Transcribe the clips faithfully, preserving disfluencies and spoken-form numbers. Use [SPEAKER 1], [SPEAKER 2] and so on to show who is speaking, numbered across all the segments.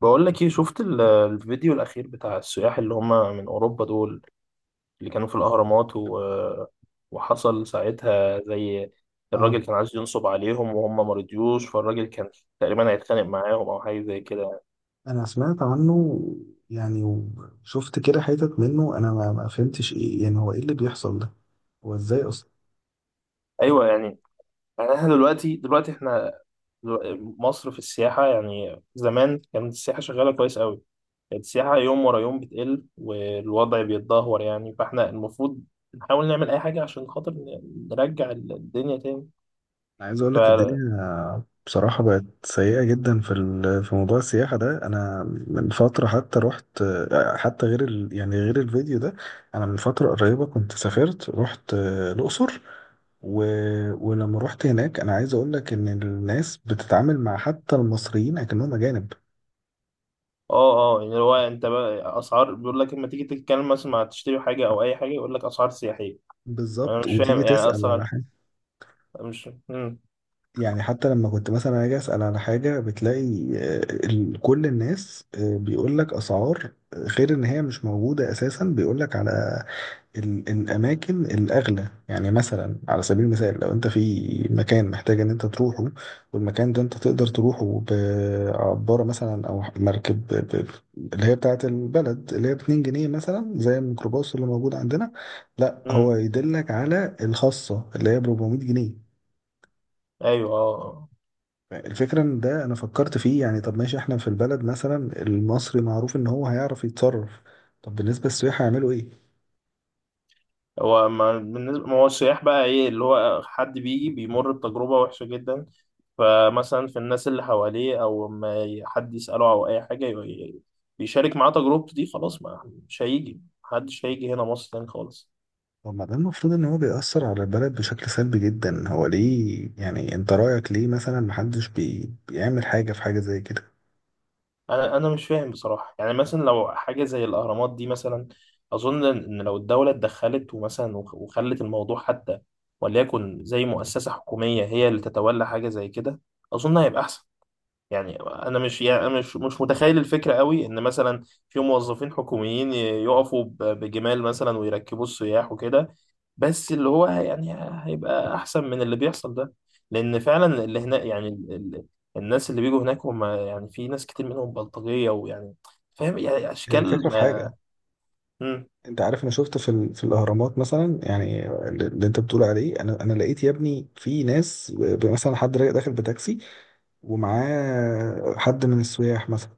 [SPEAKER 1] بقول لك ايه، شفت ال- الفيديو الاخير بتاع السياح اللي هم من اوروبا دول، اللي كانوا في الاهرامات و... وحصل ساعتها، زي
[SPEAKER 2] اه،
[SPEAKER 1] الراجل كان عايز ينصب عليهم وهم ما رضيوش، فالراجل كان تقريبا هيتخانق معاهم او حاجه زي كده.
[SPEAKER 2] انا سمعت عنه. يعني وشفت كده حتت منه، انا ما ما فهمتش ايه، يعني هو ايه اللي بيحصل ده؟ هو ازاي اصلا؟
[SPEAKER 1] ايوه يعني يعني احنا دلوقتي دلوقتي احنا دلو- مصر في السياحه، يعني زمان كانت السياحه شغاله كويس قوي، كانت السياحه يوم ورا يوم بتقل والوضع بيتدهور، يعني فاحنا المفروض نحاول نعمل اي حاجه عشان خاطر ن- نرجع الدنيا
[SPEAKER 2] انا عايز اقول لك،
[SPEAKER 1] تاني.
[SPEAKER 2] الدنيا بصراحة بقت سيئة جدا في ال- في موضوع السياحة ده، انا من فترة حتى رحت، حتى غير ال يعني غير الفيديو ده. انا من فترة قريبة كنت سافرت، رحت الاقصر و... ولما رحت هناك، انا عايز اقول لك ان الناس بتتعامل مع حتى المصريين اكنهم اجانب.
[SPEAKER 1] اه اه، يعني هو انت بقى اسعار، بيقول لك لما تيجي تتكلم مثلا، مع تشتري حاجه او اي حاجه يقول لك اسعار سياحيه. انا
[SPEAKER 2] بالظبط،
[SPEAKER 1] مش فاهم
[SPEAKER 2] وتيجي
[SPEAKER 1] يعني
[SPEAKER 2] تسأل على
[SPEAKER 1] اسعار.
[SPEAKER 2] حاجة.
[SPEAKER 1] مش امم
[SPEAKER 2] يعني حتى لما كنت مثلا اجي اسال على حاجه بتلاقي آه، ال- كل الناس، آه، بيقول لك اسعار، آه، غير ان هي مش موجوده اساسا، بيقول لك على ال- الاماكن الاغلى. يعني مثلا على سبيل المثال، لو انت في مكان محتاج ان انت تروحه، والمكان ده انت تقدر تروحه بعباره مثلا، او مركب ب- ب- اللي هي بتاعه البلد، اللي هي ب اتنين جنيه مثلا زي الميكروباص اللي موجود عندنا، لا هو
[SPEAKER 1] امم
[SPEAKER 2] يدلك على الخاصه اللي هي ب اربع مية جنيه.
[SPEAKER 1] ايوه اه آه.
[SPEAKER 2] الفكرة ان ده انا فكرت فيه، يعني طب ماشي، احنا في البلد مثلا المصري معروف ان هو هيعرف يتصرف، طب بالنسبة للسياح هيعملوا ايه؟
[SPEAKER 1] هو ما بالنسبه، ما هو السياح بقى ايه اللي هو، حد بيجي بيمر بتجربه وحشه جدا، فمثلا في الناس اللي حواليه، او ما ي- حد يساله او اي حاجه ي- ي- بيشارك معاه تجربته دي، خلاص ما مش هيجي، محدش هيجي هنا مصر تاني خالص.
[SPEAKER 2] طب ما ده المفروض ان هو بيأثر على البلد بشكل سلبي جدا، هو ليه يعني، انت رأيك ليه مثلا محدش بي... بيعمل حاجة في حاجة زي كده؟
[SPEAKER 1] انا انا مش فاهم بصراحه، يعني مثلا لو حاجه زي الاهرامات دي مثلا، اظن ان لو الدوله اتدخلت ومثلا وخ- وخلت الموضوع، حتى وليكن زي مؤسسه حكوميه هي اللي تتولى حاجه زي كده، اظن هيبقى احسن. يعني انا مش يعني أنا مش مش متخيل الفكره قوي، ان مثلا في موظفين حكوميين ي- يقفوا ب- بجمال مثلا، ويركبوا السياح وكده، بس اللي هو يعني هيبقى احسن من اللي بيحصل ده، لان فعلا اللي هنا يعني ال- ال- الناس اللي بيجوا هناك، هم يعني في ناس كتير منهم بلطجية، ويعني فاهم يعني
[SPEAKER 2] هي
[SPEAKER 1] اشكال
[SPEAKER 2] الفكرة في
[SPEAKER 1] ما.
[SPEAKER 2] حاجة،
[SPEAKER 1] مم.
[SPEAKER 2] انت عارف، انا شفت في, ال... في الاهرامات مثلا، يعني اللي انت بتقول عليه، انا انا لقيت يا ابني في ناس، ب- مثلا حد رايح داخل بتاكسي ومعاه حد من السياح مثلا،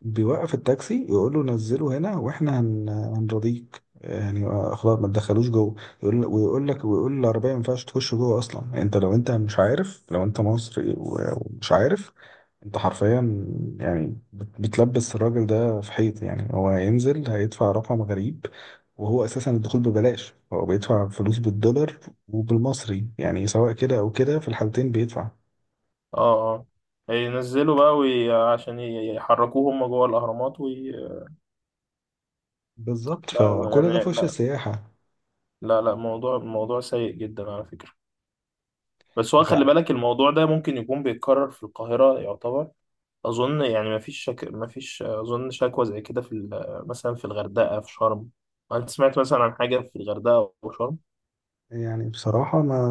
[SPEAKER 2] بيوقف التاكسي يقول له نزله هنا، واحنا هن... هنرضيك، يعني آه، خلاص ما تدخلوش جوه. يقول، ويقول لك، ويقول العربيه ما ينفعش تخش جوه اصلا، انت لو انت مش عارف، لو انت مصري و- ومش عارف، انت حرفيا يعني بت- بتلبس الراجل ده في حيط، يعني هو هينزل هيدفع رقم غريب، وهو اساسا الدخول ببلاش، هو بيدفع فلوس بالدولار، وبالمصري، يعني سواء كده او كده في الحالتين بيدفع.
[SPEAKER 1] اه اه، ينزلوا بقى وي... عشان ي- يحركوه هم جوه الاهرامات وي...
[SPEAKER 2] بالظبط،
[SPEAKER 1] لا والله
[SPEAKER 2] فكل ده
[SPEAKER 1] يعني،
[SPEAKER 2] في وش
[SPEAKER 1] لا
[SPEAKER 2] السياحة.
[SPEAKER 1] لا لا، موضوع موضوع سيء جدا على فكرة. بس هو خلي
[SPEAKER 2] انت
[SPEAKER 1] بالك، الموضوع ده ممكن يكون بيتكرر في القاهرة يعتبر، اظن يعني ما فيش شك... ما فيش اظن شكوى زي كده في ال- مثلا في الغردقه، في شرم. انت سمعت مثلا عن حاجه في الغردقه او شرم؟
[SPEAKER 2] يعني بصراحة ما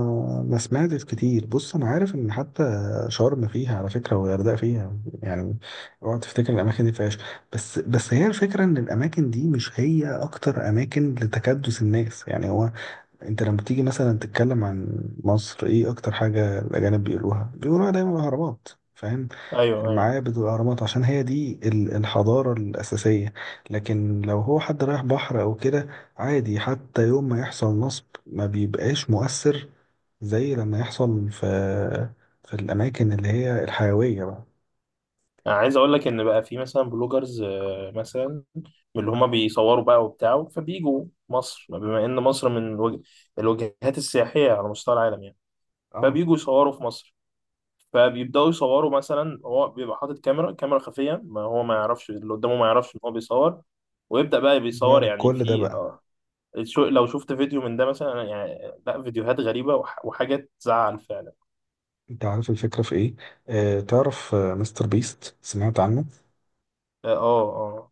[SPEAKER 2] ما سمعتش كتير. بص، أنا عارف إن حتى شرم فيها على فكرة والغردقة فيها. يعني اوعى تفتكر الأماكن دي فيهاش، بس بس هي الفكرة إن الأماكن دي مش هي أكتر أماكن لتكدس الناس، يعني هو انت لما تيجي مثلا تتكلم عن مصر، ايه اكتر حاجة الاجانب بيقولوها؟ بيقولوها دايما الاهرامات، فاهم؟
[SPEAKER 1] ايوه ايوه.
[SPEAKER 2] المعابد والاهرامات، عشان هي دي ال- الحضارة الاساسية. لكن لو هو حد رايح بحر او كده، عادي، حتى يوم ما يحصل نصب ما بيبقاش مؤثر زي لما يحصل في في الاماكن اللي هي الحيوية بقى.
[SPEAKER 1] انا عايز اقول لك ان بقى في مثلا بلوجرز، آه، مثلا من اللي هما بيصوروا بقى وبتاع، فبيجوا مصر بما ان مصر من الوج... الوجهات السياحيه على مستوى العالم يعني.
[SPEAKER 2] اه،
[SPEAKER 1] فبيجوا يصوروا في مصر، فبيبداوا يصوروا مثلا، هو بيبقى حاطط كاميرا كاميرا خفيه، ما هو ما يعرفش اللي قدامه، ما يعرفش ان هو بيصور، ويبدأ بقى بيصور
[SPEAKER 2] بيعرض
[SPEAKER 1] يعني
[SPEAKER 2] كل ده
[SPEAKER 1] في
[SPEAKER 2] بقى.
[SPEAKER 1] آه، شو لو شفت فيديو من ده مثلا، أنا يعني لا، فيديوهات غريبة وح وحاجات تزعل فعلا.
[SPEAKER 2] انت عارف الفكرة في ايه؟ آه تعرف آه، مستر بيست، سمعت عنه؟
[SPEAKER 1] اه اه.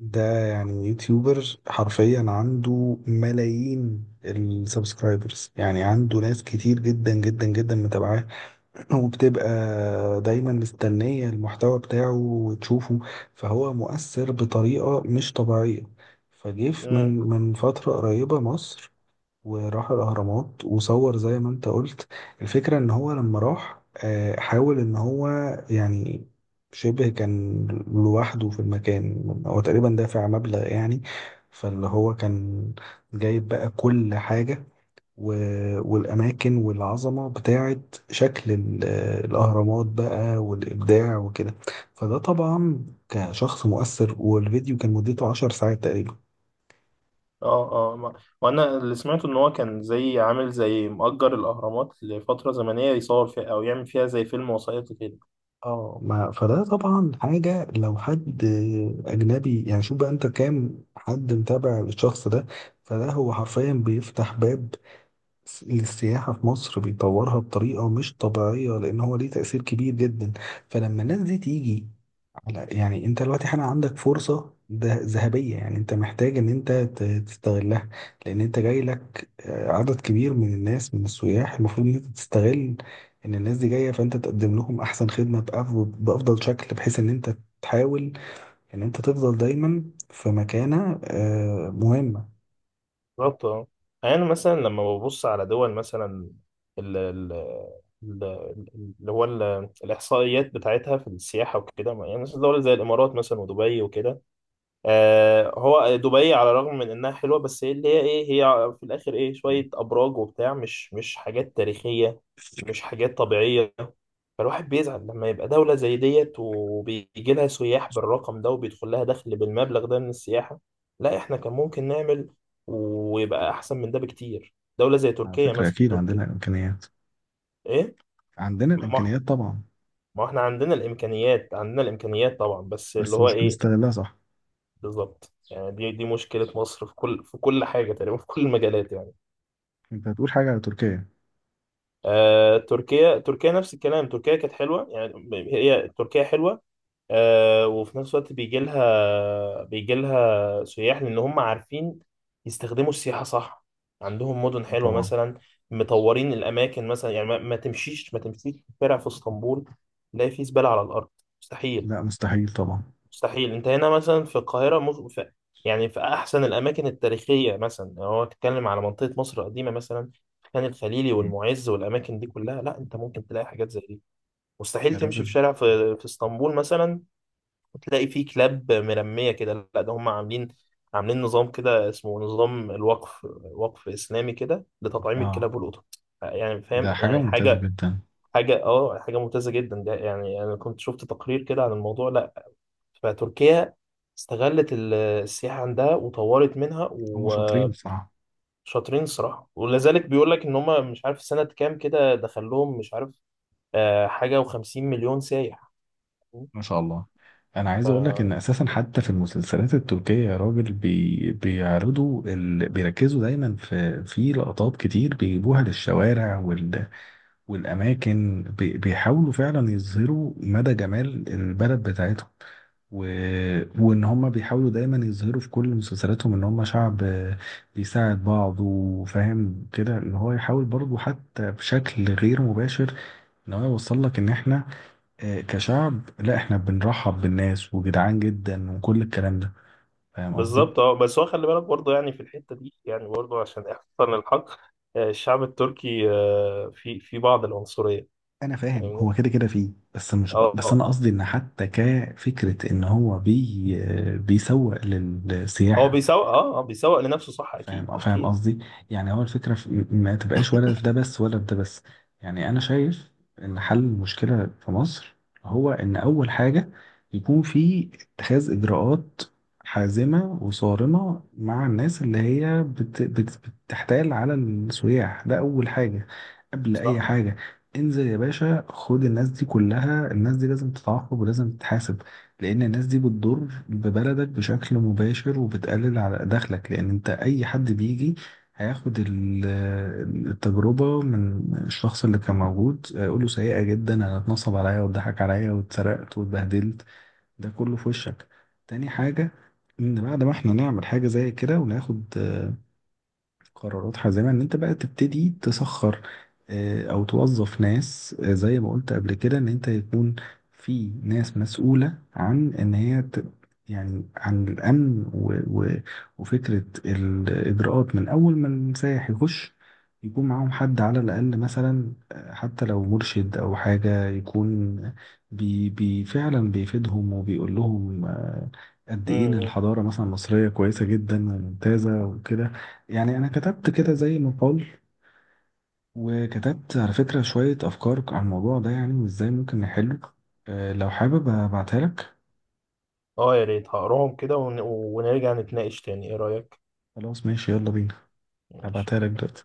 [SPEAKER 2] ده يعني يوتيوبر، حرفيا عنده ملايين السبسكرايبرز، يعني عنده ناس كتير جدا جدا جدا متابعاه، وبتبقى دايما مستنية المحتوى بتاعه وتشوفه. فهو مؤثر بطريقة مش طبيعية. فجيف
[SPEAKER 1] امم
[SPEAKER 2] من من فترة قريبة مصر وراح الأهرامات وصور زي ما انت قلت. الفكرة ان هو لما راح آه، حاول ان هو، يعني، شبه كان لوحده في المكان، هو تقريبا دافع مبلغ يعني، فاللي هو كان جايب بقى كل حاجة و- والأماكن والعظمة بتاعة شكل ال- الأهرامات بقى والإبداع وكده، فده طبعا كشخص مؤثر، والفيديو كان مدته عشر ساعات تقريبا.
[SPEAKER 1] اه اه، ما- وانا اللي سمعته ان هو كان زي عامل زي مؤجر الاهرامات لفترة زمنية يصور فيها، او يعمل فيها زي فيلم وثائقي كده.
[SPEAKER 2] اه، ما فده طبعا حاجة لو حد أجنبي، يعني شوف بقى أنت كام حد متابع الشخص ده. فده هو حرفيا بيفتح باب س- للسياحة في مصر، بيطورها بطريقة مش طبيعية لأن هو ليه تأثير كبير جدا. فلما الناس دي تيجي، لا يعني انت دلوقتي حالا عندك فرصة ده ذهبية، يعني انت محتاج ان انت ت- تستغلها، لان انت جاي لك آه، عدد كبير من الناس، من السياح، المفروض ان انت تستغل ان الناس دي جاية، فانت تقدم لهم احسن خدمة بأف- بافضل شكل، بحيث ان انت تحاول ان انت تفضل دايما في مكانة آه، مهمة.
[SPEAKER 1] بالظبط اه، يعني مثلا لما ببص على دول مثلا، ال ال ال- اللي هو ال- الإحصائيات بتاعتها في السياحة وكده، يعني مثلا دول زي الإمارات مثلا ودبي وكده. آه، هو دبي على الرغم من انها حلوه، بس هي اللي هي ايه، هي في الاخر ايه، شويه ابراج وبتاع، مش مش حاجات تاريخيه، مش حاجات طبيعيه. فالواحد بيزعل لما يبقى دوله زي ديت وبيجي لها سياح بالرقم ده، وبيدخل لها دخل بالمبلغ ده من السياحه، لا احنا كان ممكن نعمل ويبقى احسن من ده بكتير، دوله زي
[SPEAKER 2] على
[SPEAKER 1] تركيا
[SPEAKER 2] فكرة
[SPEAKER 1] مثلا،
[SPEAKER 2] أكيد
[SPEAKER 1] تركيا.
[SPEAKER 2] عندنا الإمكانيات،
[SPEAKER 1] ايه،
[SPEAKER 2] عندنا
[SPEAKER 1] ما
[SPEAKER 2] الإمكانيات طبعا،
[SPEAKER 1] ما احنا عندنا الامكانيات، عندنا الامكانيات طبعا، بس اللي
[SPEAKER 2] بس
[SPEAKER 1] هو
[SPEAKER 2] مش
[SPEAKER 1] ايه.
[SPEAKER 2] بنستغلها صح.
[SPEAKER 1] بالظبط، يعني دي دي مشكلة مصر في كل، في كل حاجة تقريبا، في كل المجالات يعني.
[SPEAKER 2] أنت هتقول حاجة على تركيا؟
[SPEAKER 1] آه تركيا، تركيا نفس الكلام، تركيا كانت حلوة يعني، ب- هي تركيا حلوة. آه، وفي نفس الوقت بيجي لها بيجي لها سياح، لأن هم عارفين يستخدموا السياحة صح، عندهم مدن
[SPEAKER 2] اه،
[SPEAKER 1] حلوة
[SPEAKER 2] طبعا.
[SPEAKER 1] مثلا، مطورين الأماكن مثلا، يعني ما, ما تمشيش ما تمشيش في شارع في اسطنبول تلاقي فيه زبالة على الأرض، مستحيل.
[SPEAKER 2] لا، مستحيل طبعا.
[SPEAKER 1] مستحيل، انت هنا مثلا في القاهرة، مز... في... يعني في أحسن الأماكن التاريخية مثلا، لو هو تتكلم على منطقة مصر القديمة مثلا، خان الخليلي
[SPEAKER 2] مم.
[SPEAKER 1] والمعز والأماكن دي كلها، لا انت ممكن تلاقي حاجات زي دي. مستحيل
[SPEAKER 2] يا
[SPEAKER 1] تمشي في
[SPEAKER 2] راجل.
[SPEAKER 1] شارع في, في اسطنبول مثلا، وتلاقي فيه كلاب مرمية كده، لا ده هم عاملين عاملين نظام كده اسمه نظام الوقف، وقف إسلامي كده لتطعيم
[SPEAKER 2] اه،
[SPEAKER 1] الكلاب والقطط، يعني
[SPEAKER 2] ده
[SPEAKER 1] فاهم
[SPEAKER 2] حاجة
[SPEAKER 1] يعني
[SPEAKER 2] ممتازة
[SPEAKER 1] حاجة
[SPEAKER 2] جدا.
[SPEAKER 1] حاجة اه، حاجة ممتازة جدا، ده يعني أنا كنت شفت تقرير كده عن الموضوع. لا، فتركيا استغلت ال- السياحة عندها وطورت منها
[SPEAKER 2] هم شاطرين
[SPEAKER 1] وشاطرين.
[SPEAKER 2] بصراحة.
[SPEAKER 1] الصراحة ولا ذلك، بيقول لك ان هم مش عارف سنة كام كده دخلهم، مش عارف آه، حاجة وخمسين مليون سايح.
[SPEAKER 2] ما شاء الله. انا عايز اقول لك
[SPEAKER 1] ف-
[SPEAKER 2] ان اساسا حتى في المسلسلات التركية يا راجل، بي... بيعرضوا ال... بيركزوا دايما في في لقطات كتير بيجيبوها للشوارع وال... والاماكن، بي... بيحاولوا فعلا يظهروا مدى جمال البلد بتاعتهم و... وان هم بيحاولوا دايما يظهروا في كل مسلسلاتهم ان هم شعب بيساعد بعض، وفاهم كده ان هو يحاول برضه حتى بشكل غير مباشر. انا عايز اوصل لك ان احنا آه، كشعب، لا احنا بنرحب بالناس وجدعان جدا وكل الكلام ده، فاهم قصدي؟
[SPEAKER 1] بالظبط اه، بس هو خلي بالك برضه، يعني في الحتة دي يعني برضه، عشان احسن الحق آه، الشعب التركي آه، في في بعض العنصرية.
[SPEAKER 2] انا فاهم
[SPEAKER 1] فاهمني
[SPEAKER 2] هو كده كده فيه، بس مش
[SPEAKER 1] اه
[SPEAKER 2] بس انا
[SPEAKER 1] آه.
[SPEAKER 2] قصدي ان حتى كفكره ان هو بي آه، بيسوق
[SPEAKER 1] هو
[SPEAKER 2] للسياحه،
[SPEAKER 1] بيسوق اه آه، بيسوق لنفسه صح،
[SPEAKER 2] فاهم؟
[SPEAKER 1] اكيد
[SPEAKER 2] آه، فاهم
[SPEAKER 1] اكيد.
[SPEAKER 2] قصدي؟ يعني هو الفكرة في ما تبقاش ولا في ده بس ولا في ده بس، يعني أنا شايف إن حل المشكلة في مصر هو إن أول حاجة يكون في اتخاذ إجراءات حازمة وصارمة مع الناس اللي هي بت بت بتحتال على السياح، ده أول حاجة قبل أي
[SPEAKER 1] صح.
[SPEAKER 2] حاجة. انزل يا باشا، خد الناس دي كلها، الناس دي لازم تتعاقب ولازم تتحاسب، لان الناس دي بتضر ببلدك بشكل مباشر وبتقلل على دخلك، لان انت اي حد بيجي هياخد ال- التجربة من الشخص اللي كان موجود، يقول له سيئة جدا، انا اتنصب عليا واتضحك عليا واتسرقت واتبهدلت، ده كله في وشك. تاني حاجة، ان بعد ما احنا نعمل حاجة زي كده وناخد قرارات حازمة، ان انت بقى تبتدي تسخر آه، او توظف ناس، آه، زي ما قلت قبل كده، ان انت يكون في ناس مسؤولة عن ان هي ت... يعني عن الامن و... و... وفكرة الاجراءات، من اول ما السائح يخش يكون معاهم حد على الاقل، مثلا آه، حتى لو مرشد او حاجة يكون بي... بي... فعلا بيفيدهم وبيقول لهم آه، قد ايه ان
[SPEAKER 1] امم
[SPEAKER 2] الحضارة مثلا المصرية كويسة جدا وممتازة وكده. يعني انا كتبت كده زي مقال، وكتبت على فكرة شوية افكار عن الموضوع ده، يعني وازاي ممكن نحله. أه لو حابب ابعتها لك.
[SPEAKER 1] اه يا ريت، هقراهم كده ون- ونرجع نتناقش تاني، ايه رأيك؟
[SPEAKER 2] خلاص ماشي، يلا بينا. هبعتها
[SPEAKER 1] ماشي.
[SPEAKER 2] لك دلوقتي.